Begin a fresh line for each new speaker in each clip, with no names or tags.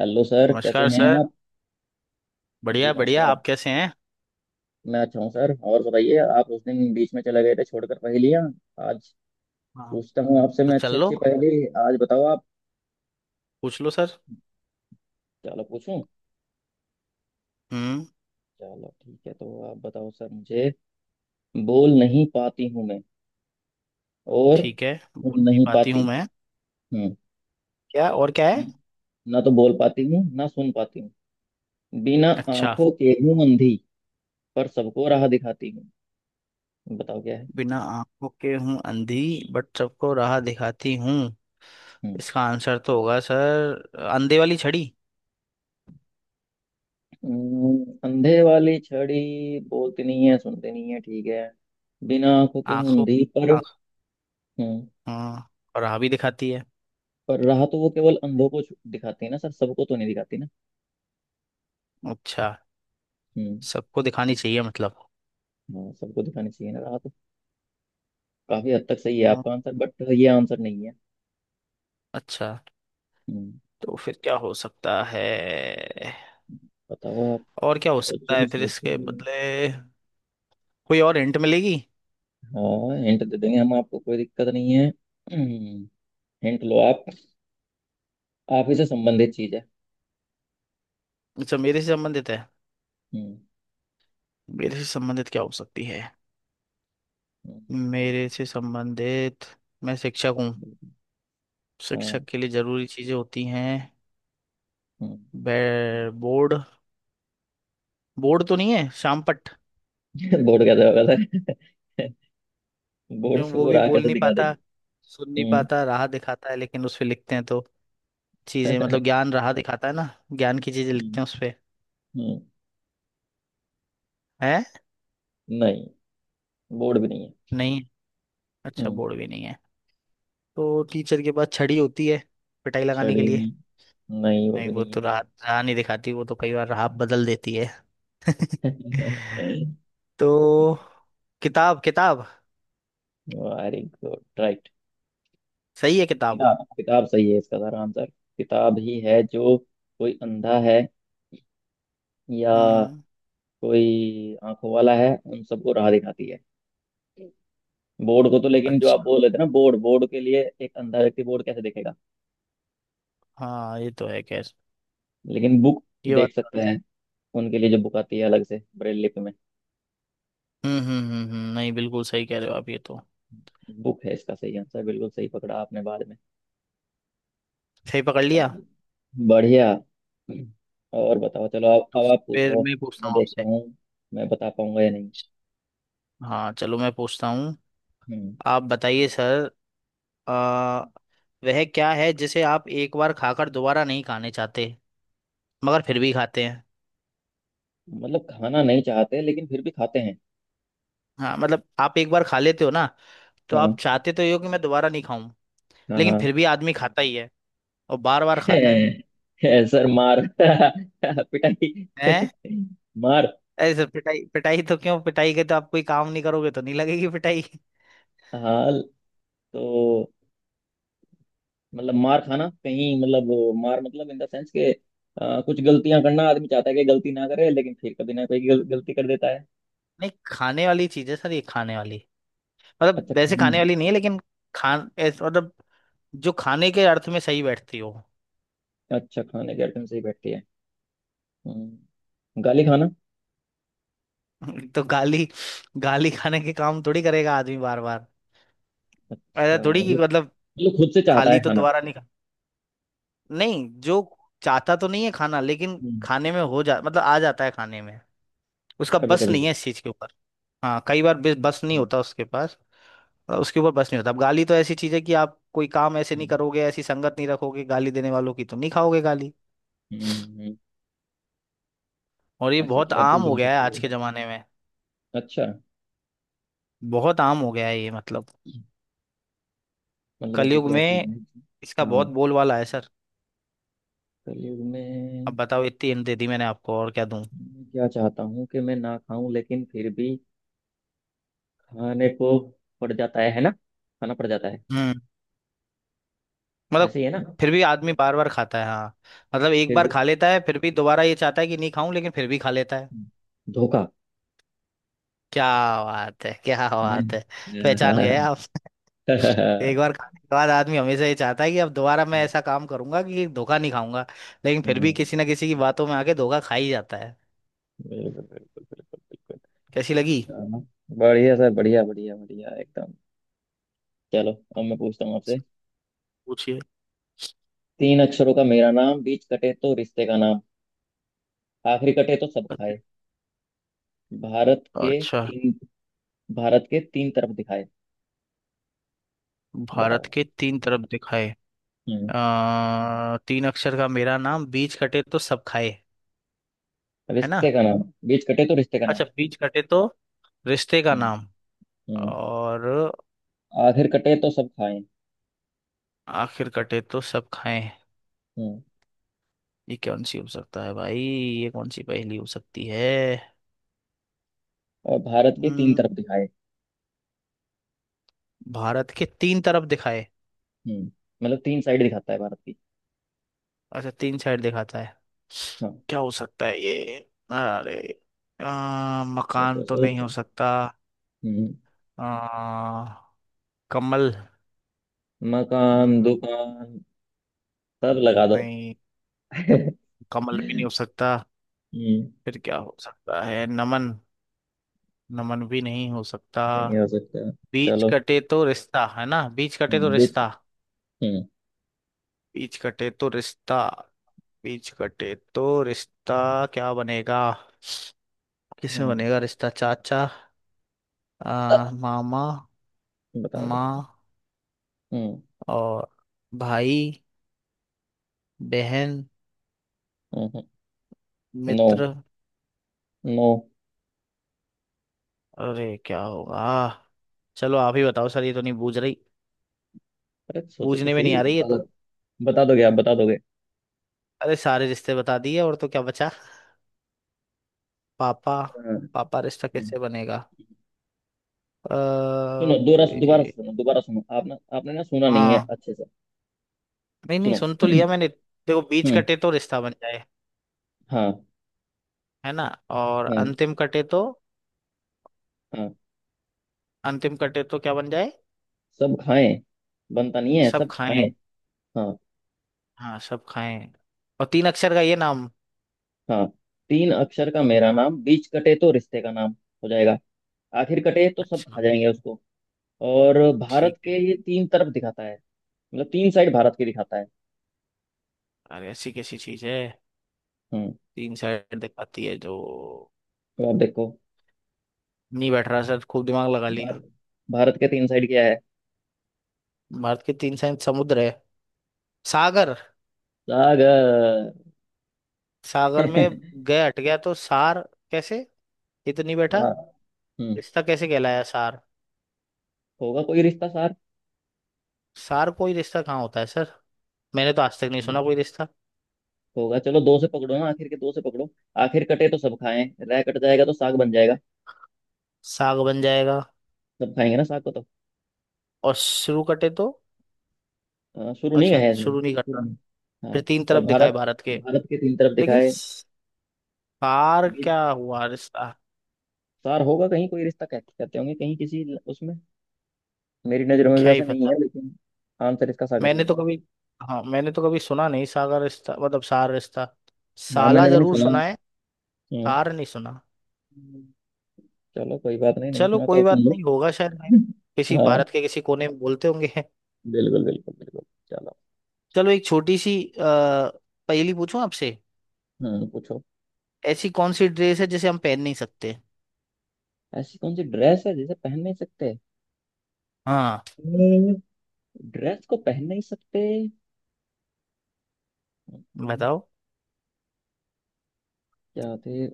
Hello sir, कैसे
नमस्कार
हैं
सर।
आप? जी
बढ़िया बढ़िया
नमस्कार।
आप कैसे हैं?
मैं अच्छा हूँ सर। और बताइए, आप उस दिन बीच में चले गए थे छोड़कर पहेलियाँ। आज
हाँ,
पूछता हूँ आपसे,
तो
मैं अच्छी
चल लो
अच्छी पहेली आज बताओ आप।
पूछ लो सर।
चलो पूछूं।
हम्म।
चलो ठीक है, तो आप बताओ सर मुझे। बोल नहीं पाती हूँ मैं, और
ठीक है, बोल
सुन
नहीं
नहीं
पाती हूँ
पाती
मैं।
हूँ।
क्या और क्या है?
ना तो बोल पाती हूँ ना सुन पाती हूँ। बिना
अच्छा।
आंखों के हूँ अंधी, पर सबको राह दिखाती हूँ। बताओ क्या है।
बिना आंखों के हूँ अंधी बट सबको राह दिखाती हूँ।
हम्म।
इसका आंसर तो होगा सर अंधे वाली छड़ी।
अंधे वाली छड़ी बोलती नहीं है, सुनती नहीं है, ठीक है। बिना आंखों के
आंखों
मुंधी पर।
आंख
हम्म।
हाँ और राह भी दिखाती है।
पर राह तो वो केवल अंधों को दिखाती है ना सर, सबको तो नहीं दिखाती ना।
अच्छा
हम्म।
सबको दिखानी चाहिए मतलब।
हाँ, सबको दिखानी चाहिए ना राह तो। काफी हद तक सही है
हाँ,
आपका आंसर, बट ये आंसर नहीं है।
अच्छा।
हम्म।
तो फिर क्या हो सकता है?
बताओ आप।
और क्या हो सकता
सोचो
है फिर
सोचो।
इसके बदले? कोई और हिंट मिलेगी?
हाँ, हिंट दे देंगे हम आपको, कोई दिक्कत नहीं है। हम्म। हिंट लो आप। आप ही से संबंधित चीज है।
अच्छा मेरे से संबंधित है।
हम्म।
मेरे से संबंधित क्या हो सकती है? मेरे
हम्म।
से संबंधित मैं शिक्षक हूँ।
हाँ।
शिक्षक के लिए जरूरी चीजें होती हैं।
हम्म।
बोर्ड। बोर्ड तो नहीं है शामपट।
बोर्ड कैसे होगा सर? बोर्ड
क्यों
से
वो
वो
भी
रहा
बोल
कैसे
नहीं
दिखा देगा?
पाता, सुन नहीं
हम्म।
पाता, राह दिखाता है लेकिन उस पे लिखते हैं तो चीजें मतलब ज्ञान, राह दिखाता है ना, ज्ञान की चीजें
हम्म।
लिखते हैं उस पे।
हम्म।
है।
नहीं, बोर्ड भी नहीं है।
नहीं, अच्छा
हम्म।
बोर्ड भी नहीं है। तो टीचर के पास छड़ी होती है पिटाई लगाने के
छड़ी भी
लिए।
नहीं, नहीं वो
नहीं
भी
वो
नहीं
तो
है।
राह, राह नहीं दिखाती, वो तो कई बार राह बदल देती है। तो किताब किताब।
Very good right.
सही है किताब।
किताब किताब सही है, इसका सारा आंसर किताब ही है, जो कोई अंधा है या
हम्म हम्म।
कोई आंखों वाला है उन सबको राह दिखाती है। बोर्ड को तो, लेकिन जो
अच्छा।
आप बोल रहे थे ना, बोर्ड, बोर्ड के लिए एक अंधा व्यक्ति बोर्ड कैसे देखेगा?
हाँ ये तो है खैर।
लेकिन बुक
ये बात।
देख सकते हैं, उनके लिए जो बुक आती है अलग से ब्रेल लिपि में।
नहीं बिल्कुल सही कह रहे हो आप ये तो।
बुक है इसका सही आंसर, बिल्कुल सही पकड़ा आपने बाद में।
सही पकड़ लिया।
चलो, बढ़िया। और बताओ, चलो
तो
अब आप
फिर
पूछो।
मैं पूछता
मैं
हूँ
देखता
आपसे।
हूँ मैं बता पाऊंगा या नहीं।
हाँ चलो मैं पूछता हूँ।
हम्म।
आप बताइए सर। आ, वह क्या है जिसे आप एक बार खाकर दोबारा नहीं खाने चाहते मगर फिर भी खाते हैं?
मतलब खाना नहीं चाहते लेकिन फिर भी खाते हैं?
हाँ मतलब आप एक बार खा लेते हो ना, तो आप
हाँ।
चाहते तो ये हो कि मैं दोबारा नहीं खाऊं,
हाँ
लेकिन
हाँ।
फिर भी आदमी खाता ही है और बार बार खाता है।
सर मार। पिटाई।
हैं?
मार।
ऐसे पिटाई पिटाई तो क्यों? पिटाई के तो आप कोई काम नहीं करोगे तो नहीं लगेगी पिटाई।
हाँ, तो मतलब मार खाना, कहीं मतलब वो मार, मतलब इन द सेंस के कुछ गलतियां करना, आदमी चाहता है कि गलती ना करे लेकिन फिर कभी ना कभी गलती कर देता है।
नहीं खाने वाली चीज है सर ये, खाने वाली मतलब
अच्छा
वैसे
खाना।
खाने वाली नहीं है लेकिन मतलब जो खाने के अर्थ में सही बैठती हो।
अच्छा, खाने के आइटम से ही बैठती है। हम्म, गाली खाना।
तो गाली, गाली खाने के काम थोड़ी करेगा आदमी बार बार।
अच्छा,
ऐसा थोड़ी कि
मतलब,
मतलब
मतलब खुद से चाहता
खाली
है
तो
खाना?
दोबारा नहीं खा, नहीं जो चाहता तो नहीं है खाना लेकिन
हम्म।
खाने में हो जा मतलब आ जाता है खाने में। उसका
कभी
बस
कभी।
नहीं है इस चीज के ऊपर। हाँ कई बार बस बस नहीं
अच्छा।
होता उसके पास, उसके ऊपर बस नहीं होता। अब गाली तो ऐसी चीज है कि आप कोई काम ऐसे नहीं
हम्म।
करोगे, ऐसी संगत नहीं रखोगे गाली देने वालों की तो नहीं खाओगे गाली।
हम्म। हम्म।
और ये
ऐसी
बहुत
क्या
आम
चीज
हो
हो
गया है
सकती
आज
है?
के जमाने में।
अच्छा,
बहुत आम हो गया है ये मतलब
मतलब ऐसी
कलयुग
क्या
में।
चीज है?
इसका बहुत
हाँ।
बोलबाला है सर।
कलयुग में।
अब बताओ इतनी हिंट दे दी मैंने आपको और क्या दूं?
मैं क्या चाहता हूँ कि मैं ना खाऊं, लेकिन फिर भी खाने को पड़ जाता है ना, खाना पड़ जाता है।
हम्म, मतलब
ऐसे ही है ना?
फिर भी आदमी बार बार खाता है हाँ। मतलब एक
फिर
बार
भी
खा लेता है फिर भी दोबारा ये चाहता है कि नहीं खाऊं लेकिन फिर भी खा लेता है।
धोखा
क्या बात है, क्या
है।
बात है। पहचान गए आप। एक बार खाने के बाद आदमी हमेशा ये चाहता है कि अब दोबारा मैं ऐसा काम करूंगा कि धोखा नहीं खाऊंगा, लेकिन फिर भी
हम्म।
किसी ना किसी की बातों में आके धोखा खा ही जाता है।
बिल्कुल बिल्कुल। बिल्कुल
कैसी लगी?
बिल्कुल। हाँ, बढ़िया सर, बढ़िया बढ़िया बढ़िया एकदम। चलो अब मैं पूछता हूँ आपसे।
पूछिए।
तीन अक्षरों का मेरा नाम, बीच कटे तो रिश्ते का नाम, आखिरी कटे तो सब खाए, भारत के
अच्छा।
तीन, भारत के तीन तरफ दिखाए।
भारत
बताओ।
के तीन तरफ दिखाए।
हम्म।
तीन अक्षर का मेरा नाम बीच कटे तो सब खाए, है ना?
रिश्ते का नाम, बीच कटे तो रिश्ते का नाम।
अच्छा, बीच कटे तो रिश्ते का
हम्म।
नाम
हम्म।
और
आखिर कटे तो सब खाए।
आखिर कटे तो सब खाए।
हम्म।
ये कौन सी हो सकता है भाई, ये कौन सी पहेली हो सकती है?
और भारत के तीन
हम्म,
तरफ दिखाए।
भारत के तीन तरफ दिखाए।
हम्म। मतलब तीन साइड दिखाता है भारत की।
अच्छा तीन साइड दिखाता है।
हाँ।
क्या हो सकता है ये? अरे, मकान
सोचो
तो नहीं हो
सोचो।
सकता।
हम्म।
आ, कमल।
मकान
हम्म,
दुकान सब लगा दो।
नहीं कमल भी नहीं हो सकता।
हम्म।
फिर क्या हो सकता है? नमन? नमन भी नहीं हो सकता।
नहीं हो सकता।
बीच
चलो।
कटे तो रिश्ता है ना। बीच कटे तो
देख।
रिश्ता।
हम्म
बीच कटे तो रिश्ता। बीच कटे तो रिश्ता क्या बनेगा? किसमें
हम्म,
बनेगा रिश्ता? चाचा,
अ,
मामा,
बताओ बताओ।
माँ
हम्म।
और भाई, बहन,
हम्म। नो
मित्र।
नो।
अरे क्या होगा? चलो आप ही बताओ सर, ये तो नहीं बूझ रही।
अरे सोचो तो
बूझने में नहीं
सही,
आ रही है
बता दो।
तो।
बता दोगे? आप बता दोगे।
अरे सारे रिश्ते बता दिए और तो क्या बचा? पापा।
हाँ।
पापा रिश्ता
हम्म,
कैसे बनेगा?
सुनो।
अ,
दोबारा दोबारा
ए,
सुनो, दोबारा सुनो। आपने आपने ना सुना नहीं है
हाँ,
अच्छे से।
नहीं नहीं
सुनो।
सुन तो लिया मैंने। देखो, बीच
हम्म।
कटे तो रिश्ता बन जाए,
हाँ
है ना, और
हाँ।
अंतिम कटे तो?
हाँ,
अंतिम कटे तो क्या बन जाए?
सब खाएं। बनता नहीं है,
सब
सब
खाएं।
खाएं। हाँ
हाँ सब खाएं। और तीन अक्षर का ये नाम।
हाँ। तीन अक्षर का मेरा
हाँ,
नाम, बीच कटे तो रिश्ते का नाम हो जाएगा, आखिर कटे तो सब खा
अच्छा
जाएंगे उसको, और भारत
ठीक है।
के ये तीन तरफ दिखाता है। मतलब तीन साइड भारत की दिखाता है।
अरे ऐसी कैसी चीज है?
हम्म।
तीन साइड दिखाती है जो।
तो आप देखो।
नहीं बैठ रहा सर, खूब दिमाग लगा
भार,
लिया।
भारत के तीन साइड क्या है?
भारत के तीन साइड समुद्र है, सागर।
सागर।
सागर में गए, हट गया तो सार। कैसे? ये तो नहीं बैठा।
हाँ। हम्म।
रिश्ता कैसे कहलाया सार?
होगा कोई रिश्ता सार,
सार कोई रिश्ता कहाँ होता है सर? मैंने तो आज तक नहीं सुना कोई रिश्ता।
होगा। चलो दो से पकड़ो ना, आखिर के दो से पकड़ो। आखिर कटे तो सब खाएं, रह कट जाएगा तो साग बन जाएगा।
साग बन जाएगा।
सब खाएंगे ना साग को तो।
और शुरू कटे तो?
हाँ, शुरू नहीं
अच्छा
है इसमें,
शुरू नहीं
शुरू
कटा।
नहीं। हाँ,
फिर तीन
और
तरफ दिखाए
भारत,
भारत के।
भारत के तीन तरफ
लेकिन
दिखाए।
सार
बीच।
क्या हुआ रिश्ता?
सार होगा कहीं, कोई रिश्ता कहते कहते होंगे कहीं, किसी उसमें, मेरी नजरों में
क्या ही
वैसे नहीं
पता।
है लेकिन आंसर इसका सागर ही
मैंने
है।
तो कभी, हाँ मैंने तो कभी सुना नहीं सागर रिश्ता मतलब सार रिश्ता।
हाँ,
साला
मैंने भी नहीं
जरूर
सुना।
सुना है। सार नहीं सुना।
हम्म। चलो कोई बात नहीं, नहीं
चलो
सुना तो
कोई
अब सुन
बात
लो।
नहीं, होगा शायद भाई किसी
हाँ
भारत के किसी कोने में बोलते होंगे।
बिल्कुल बिल्कुल बिल्कुल। चलो।
चलो एक छोटी सी पहेली पूछूं आपसे।
पूछो।
ऐसी कौन सी ड्रेस है जिसे हम पहन नहीं सकते?
ऐसी कौन सी ड्रेस है जिसे पहन नहीं सकते?
हाँ
हम्म, ड्रेस को पहन नहीं सकते। हम्म।
बताओ।
क्या थे?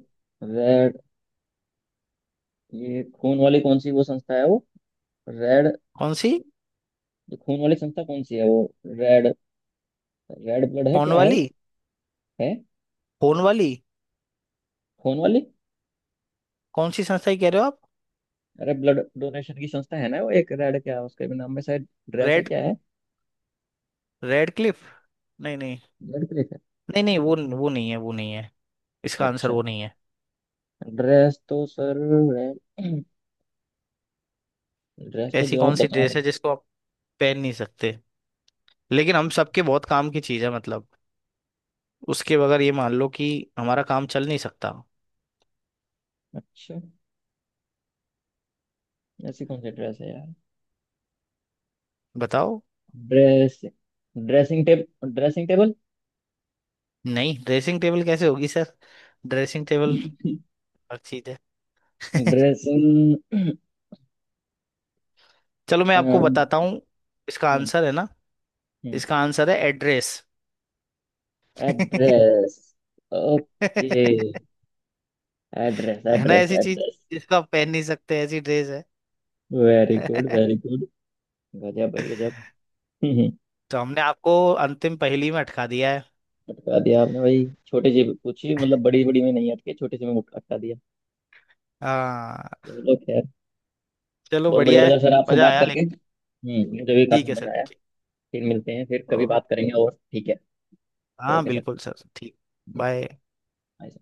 रेड, ये खून वाली कौन सी वो संस्था है वो, रेड,
कौन सी?
ये खून वाली संस्था कौन सी है वो, रेड, रेड ब्लड है
फोन
क्या है वो?
वाली?
है,
फोन वाली
खून वाली।
कौन सी संस्था की कह रहे हो आप?
अरे ब्लड डोनेशन की संस्था है ना वो, एक रेड क्या, उसके भी नाम में शायद ड्रेस है
रेड?
क्या है,
रेड क्लिफ? नहीं नहीं।
ब्लड प्लेस है।
नहीं नहीं, वो
हम्म।
वो नहीं है, वो नहीं है। इसका आंसर
अच्छा।
वो नहीं है।
ड्रेस तो सर, ड्रेस तो
ऐसी
जो
कौन
आप
सी
बता रहे
ड्रेस
हैं।
है जिसको आप पहन नहीं सकते लेकिन हम सबके बहुत काम की चीज है मतलब उसके बगैर ये मान लो कि हमारा काम चल नहीं सकता।
अच्छा। ऐसी कौन सी ड्रेस है यार?
बताओ।
ड्रेस, ड्रेसिंग टेब, ड्रेसिंग टेबल।
नहीं ड्रेसिंग टेबल कैसे होगी सर? ड्रेसिंग टेबल हर चीज है।
ड्रेसिंग।
चलो मैं आपको बताता हूँ, इसका आंसर है ना, इसका आंसर है एड्रेस।
एड्रेस। ओके। एड्रेस
है ना,
एड्रेस
ऐसी चीज
एड्रेस।
जिसको आप पहन नहीं सकते ऐसी ड्रेस है।
Very good very good. गजब भाई गजब। हम्म।
तो हमने आपको अंतिम पहेली में अटका दिया है।
अटका दिया आपने भाई, छोटे जी पूछी, मतलब बड़ी बड़ी में नहीं अटके, छोटे से में अटका दिया।
हाँ
चलो खैर।
चलो
बहुत बढ़िया
बढ़िया
लगा
है।
सर आपसे
मजा
बात
आया
करके।
लेकिन।
हम्म। मुझे भी
ठीक
काफी
है
मजा
सर,
आया।
ठीक।
फिर मिलते हैं, फिर कभी
ओ,
बात करेंगे, और ठीक है तो
हाँ
ओके सर।
बिल्कुल सर, ठीक।
जी। bye,
bye.
सर।